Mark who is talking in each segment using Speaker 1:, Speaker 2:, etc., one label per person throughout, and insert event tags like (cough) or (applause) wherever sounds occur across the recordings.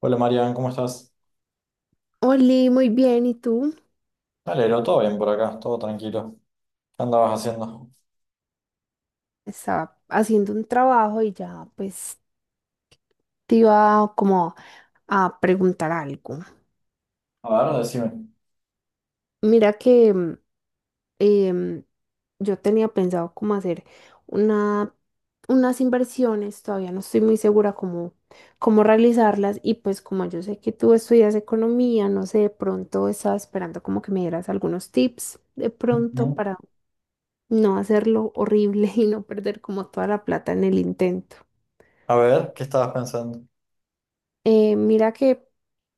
Speaker 1: Hola Marian, ¿cómo estás?
Speaker 2: Oli, muy bien, ¿y tú?
Speaker 1: Me Todo bien por acá, todo tranquilo. ¿Qué andabas haciendo?
Speaker 2: Estaba haciendo un trabajo y ya pues te iba como a preguntar algo.
Speaker 1: A ver, decime.
Speaker 2: Mira que em, yo tenía pensado como hacer una, unas inversiones, todavía no estoy muy segura cómo, cómo realizarlas, y pues como yo sé que tú estudias economía, no sé, de pronto estaba esperando como que me dieras algunos tips de pronto
Speaker 1: Ujú.
Speaker 2: para no hacerlo horrible (laughs) y no perder como toda la plata en el intento.
Speaker 1: A ver, ¿qué estabas pensando?
Speaker 2: Mira que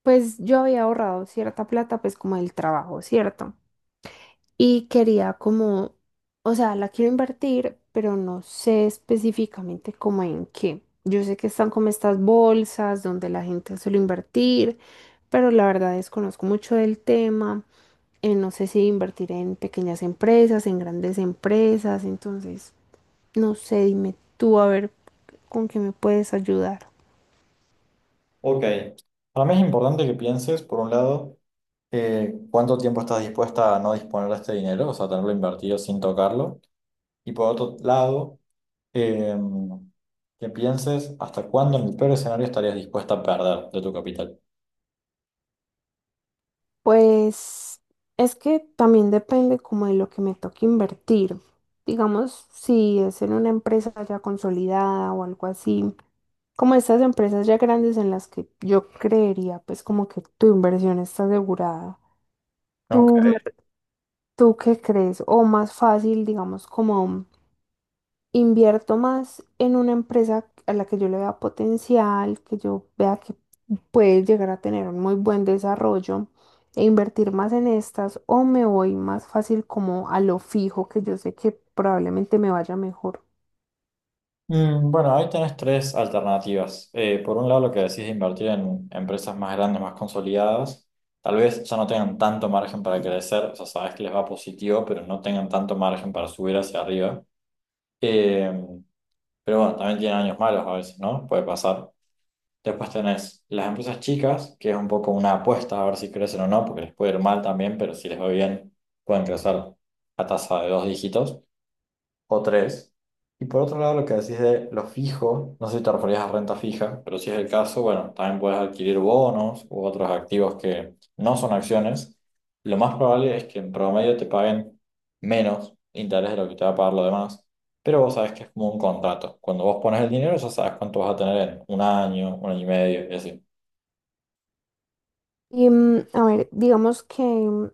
Speaker 2: pues yo había ahorrado cierta plata pues como del trabajo, ¿cierto? Y quería como, o sea, la quiero invertir, pero no sé específicamente como en qué. Yo sé que están como estas bolsas donde la gente suele invertir, pero la verdad desconozco mucho del tema. No sé si invertir en pequeñas empresas, en grandes empresas, entonces no sé, dime tú a ver con qué me puedes ayudar.
Speaker 1: Ok. Para mí es importante que pienses, por un lado, cuánto tiempo estás dispuesta a no disponer de este dinero, o sea, tenerlo invertido sin tocarlo. Y por otro lado, eh, que pienses hasta cuándo en el peor escenario estarías dispuesta a perder de tu capital.
Speaker 2: Pues es que también depende como de lo que me toque invertir. Digamos, si es en una empresa ya consolidada o algo así, como estas empresas ya grandes en las que yo creería, pues como que tu inversión está asegurada. ¿Tú,
Speaker 1: Ok.
Speaker 2: tú qué crees? O más fácil, digamos, como invierto más en una empresa a la que yo le vea potencial, que yo vea que puede llegar a tener un muy buen desarrollo e invertir más en estas, o me voy más fácil como a lo fijo que yo sé que probablemente me vaya mejor.
Speaker 1: Bueno, ahí tenés tres alternativas. Por un lado, lo que decís de invertir en empresas más grandes, más consolidadas, tal vez ya no tengan tanto margen para crecer, o sea, sabes que les va positivo, pero no tengan tanto margen para subir hacia arriba. Eh, pero bueno, también tienen años malos a veces, ¿no? Puede pasar. Después tenés las empresas chicas, que es un poco una apuesta a ver si crecen o no, porque les puede ir mal también, pero si les va bien, pueden crecer a tasa de dos dígitos o tres. Y por otro lado, lo que decís de lo fijo, no sé si te referías a renta fija, pero si es el caso, bueno, también puedes adquirir bonos u otros activos que no son acciones. Lo más probable es que en promedio te paguen menos interés de lo que te va a pagar lo demás, pero vos sabés que es como un contrato. Cuando vos pones el dinero, ya sabes cuánto vas a tener en un año y medio, y así.
Speaker 2: Y a ver, digamos que,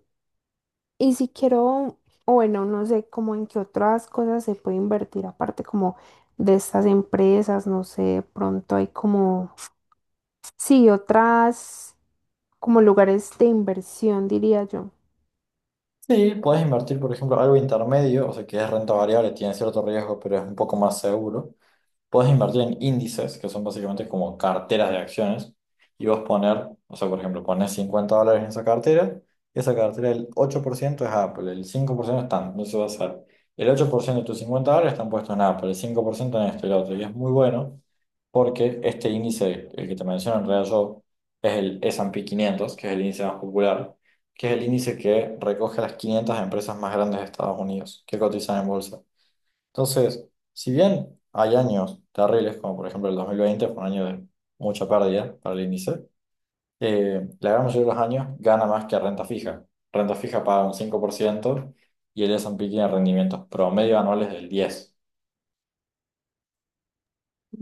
Speaker 2: y si quiero, o bueno, no sé, como en qué otras cosas se puede invertir aparte como de estas empresas, no sé, de pronto hay como, sí, otras como lugares de inversión, diría yo.
Speaker 1: Sí, podés invertir, por ejemplo, algo intermedio, o sea, que es renta variable, tiene cierto riesgo, pero es un poco más seguro. Podés invertir en índices, que son básicamente como carteras de acciones, y vos poner, o sea, por ejemplo, pones $50 en esa cartera, y esa cartera el 8% es Apple, el 5% están, no se va a hacer. El 8% de tus $50 están puestos en Apple, el 5% en esto y lo otro, y es muy bueno porque este índice, el que te menciono en realidad yo, es el S and P 500 que es el índice más popular, que es el índice que recoge las 500 empresas más grandes de Estados Unidos que cotizan en bolsa. Entonces, si bien hay años terribles, como por ejemplo el 2020 fue un año de mucha pérdida para el índice, la gran mayoría de los años gana más que renta fija. Renta fija paga un 5% y el S&P tiene rendimientos promedio anuales del 10%.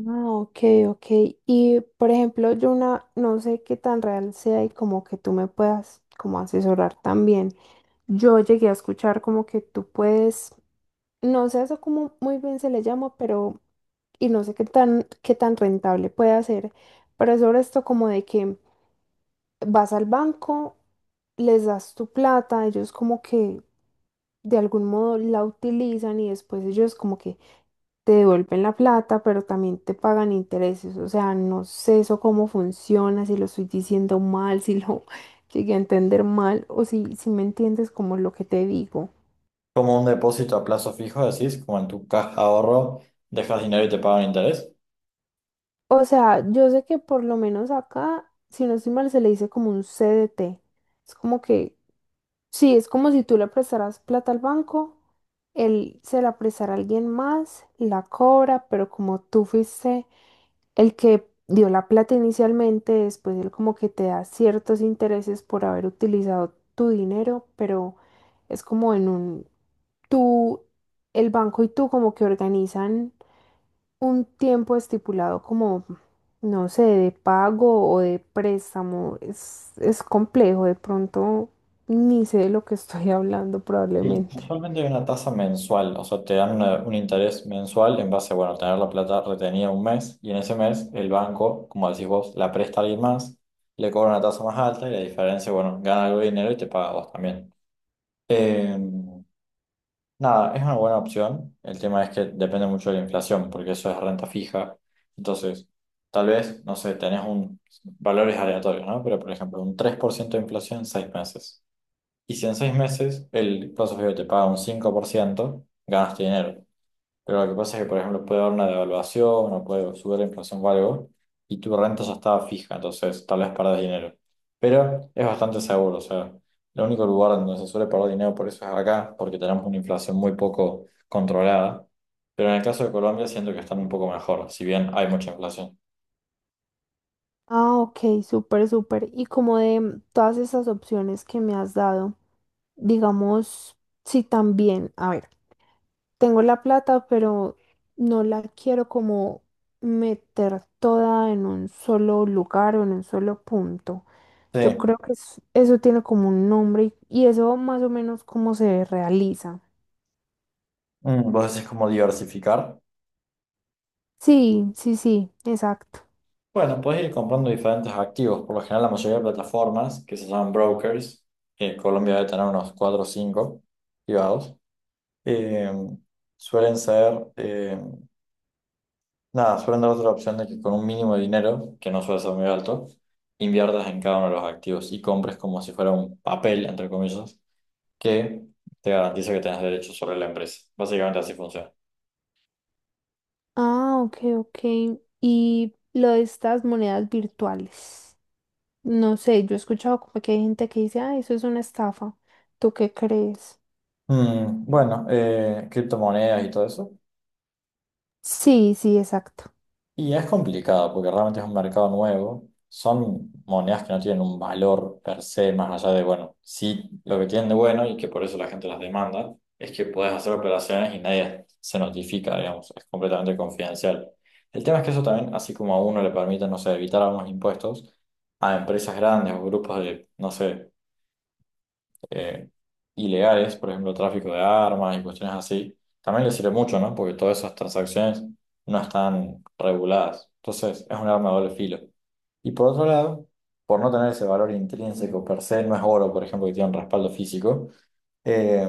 Speaker 2: Ah, ok, ok. Y por ejemplo, yo una, no sé qué tan real sea y como que tú me puedas como asesorar también. Yo llegué a escuchar como que tú puedes, no sé eso como muy bien se le llama, pero y no sé qué tan rentable puede ser, pero es sobre esto como de que vas al banco, les das tu plata, ellos como que de algún modo la utilizan y después ellos como que te devuelven la plata, pero también te pagan intereses. O sea, no sé eso cómo funciona, si lo estoy diciendo mal, si lo (laughs) llegué a entender mal o si, si me entiendes como lo que te digo.
Speaker 1: Como un depósito a plazo fijo, decís, como en tu caja de ahorro, dejas dinero y te pagan interés.
Speaker 2: O sea, yo sé que por lo menos acá, si no estoy mal, se le dice como un CDT. Es como que, sí, es como si tú le prestaras plata al banco, él se la prestara a alguien más, la cobra, pero como tú fuiste el que dio la plata inicialmente, después él como que te da ciertos intereses por haber utilizado tu dinero, pero es como en un, tú, el banco y tú como que organizan un tiempo estipulado como, no sé, de pago o de préstamo. Es complejo, de pronto ni sé de lo que (laughs) estoy hablando
Speaker 1: Y
Speaker 2: probablemente.
Speaker 1: usualmente hay una tasa mensual, o sea, te dan un interés mensual en base a, bueno, a tener la plata retenida un mes y en ese mes el banco, como decís vos, la presta a alguien más, le cobra una tasa más alta y la diferencia, bueno, gana algo de dinero y te paga a vos también. Eh, nada, es una buena opción. El tema es que depende mucho de la inflación, porque eso es renta fija. Entonces, tal vez, no sé, tenés valores aleatorios, ¿no? Pero, por ejemplo, un 3% de inflación en 6 meses. Y si en 6 meses el plazo fijo te paga un 5% ganas tu dinero. Pero lo que pasa es que, por ejemplo, puede haber una devaluación o puede subir la inflación o algo, y tu renta ya estaba fija, entonces tal vez perdés dinero. Pero es bastante seguro, o sea, el único lugar donde se suele perder dinero por eso es acá, porque tenemos una inflación muy poco controlada. Pero en el caso de Colombia siento que están un poco mejor, si bien hay mucha inflación.
Speaker 2: Ah, ok, súper, súper. Y como de todas esas opciones que me has dado. Digamos, si también, a ver, tengo la plata, pero no la quiero como meter toda en un solo lugar o en un solo punto. Yo
Speaker 1: Sí,
Speaker 2: creo que eso tiene como un nombre, y eso más o menos cómo se realiza.
Speaker 1: Vos decís como diversificar.
Speaker 2: Sí, sí, sí, exacto.
Speaker 1: Bueno, puedes ir comprando diferentes activos. Por lo general, la mayoría de plataformas que se llaman brokers, que en Colombia debe tener unos 4 o 5 privados, eh, suelen ser, nada, suelen dar otra opción de que con un mínimo de dinero, que no suele ser muy alto, inviertas en cada uno de los activos y compres como si fuera un papel, entre comillas, que te garantiza que tengas derechos sobre la empresa. Básicamente así funciona.
Speaker 2: Ah, ok, ok. Y lo de estas monedas virtuales. No sé, yo he escuchado como que hay gente que dice, ah, eso es una estafa. ¿Tú qué crees?
Speaker 1: Bueno, criptomonedas y todo eso.
Speaker 2: Sí, sí, exacto.
Speaker 1: Y es complicado porque realmente es un mercado nuevo. Son monedas que no tienen un valor per se, más allá de, bueno, sí, lo que tienen de bueno y que por eso la gente las demanda, es que puedes hacer operaciones y nadie se notifica, digamos, es completamente confidencial. El tema es que eso también, así como a uno le permite, no sé, evitar algunos impuestos, a empresas grandes o grupos de, no sé, eh, ilegales, por ejemplo, tráfico de armas y cuestiones así, también le sirve mucho, ¿no? Porque todas esas transacciones no están reguladas. Entonces, es un arma de doble filo. Y por otro lado, por no tener ese valor intrínseco per se, no es oro, por ejemplo, que tiene un respaldo físico, eh,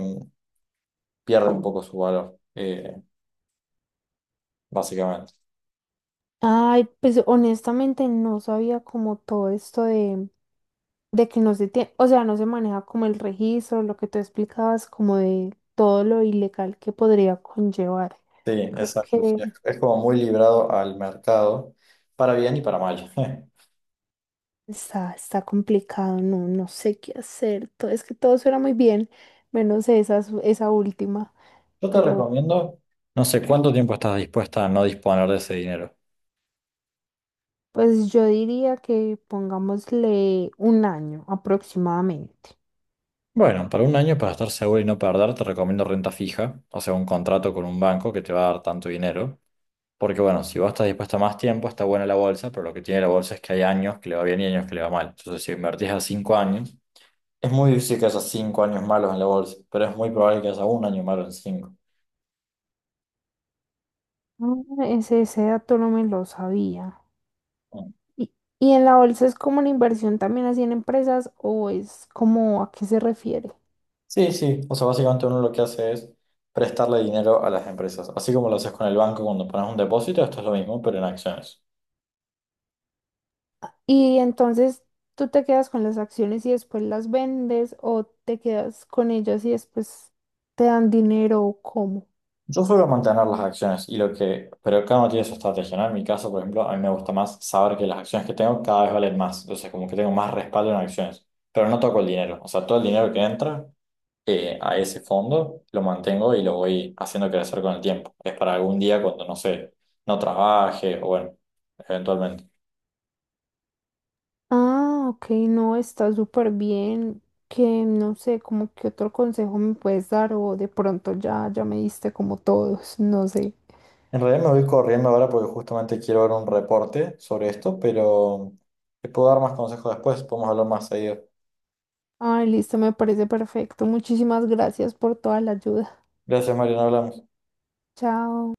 Speaker 1: pierde un poco su valor, básicamente.
Speaker 2: Ay, pues honestamente no sabía como todo esto de que no se tiene, o sea, no se maneja como el registro, lo que tú explicabas, como de todo lo ilegal que podría conllevar.
Speaker 1: Sí,
Speaker 2: Creo
Speaker 1: exacto. Sí,
Speaker 2: que
Speaker 1: Es como muy librado al mercado, para bien y para mal. (laughs)
Speaker 2: está, está complicado, no, no sé qué hacer. Todo es que todo suena muy bien, menos esa, esa última.
Speaker 1: Yo te
Speaker 2: Pero
Speaker 1: recomiendo, no sé cuánto tiempo estás dispuesta a no disponer de ese dinero.
Speaker 2: pues yo diría que pongámosle un año aproximadamente.
Speaker 1: Bueno, para un año, para estar seguro y no perder, te recomiendo renta fija, o sea, un contrato con un banco que te va a dar tanto dinero. Porque bueno, si vos estás dispuesto a más tiempo, está buena la bolsa, pero lo que tiene la bolsa es que hay años que le va bien y años que le va mal. Entonces, si invertís a 5 años, es muy difícil que haya 5 años malos en la bolsa, pero es muy probable que haya un año malo en cinco.
Speaker 2: Ah, ese dato no me lo sabía.
Speaker 1: Mm.
Speaker 2: ¿Y, y en la bolsa es como una inversión también así en empresas o es como a qué se refiere?
Speaker 1: Sí, sí, o sea, básicamente uno lo que hace es prestarle dinero a las empresas, así como lo haces con el banco cuando pones un depósito, esto es lo mismo, pero en acciones.
Speaker 2: Y entonces tú te quedas con las acciones y después las vendes, o te quedas con ellas y después te dan dinero, o cómo.
Speaker 1: Yo suelo mantener las acciones y lo que, pero cada uno tiene su estrategia, ¿no? En mi caso, por ejemplo, a mí me gusta más saber que las acciones que tengo cada vez valen más, entonces como que tengo más respaldo en acciones, pero no toco el dinero, o sea, todo el dinero que entra a ese fondo lo mantengo y lo voy haciendo crecer con el tiempo. Es para algún día cuando, no sé, no trabaje o bueno, eventualmente.
Speaker 2: Ah, ok, no, está súper bien. Que no sé, como que otro consejo me puedes dar o de pronto ya, ya me diste como todos, (laughs) no sé.
Speaker 1: En realidad me voy corriendo ahora porque justamente quiero ver un reporte sobre esto, pero te puedo dar más consejos después, podemos hablar más seguido.
Speaker 2: Ay, listo, me parece perfecto. Muchísimas gracias por toda la ayuda.
Speaker 1: Gracias, Mario, nos hablamos.
Speaker 2: Chao.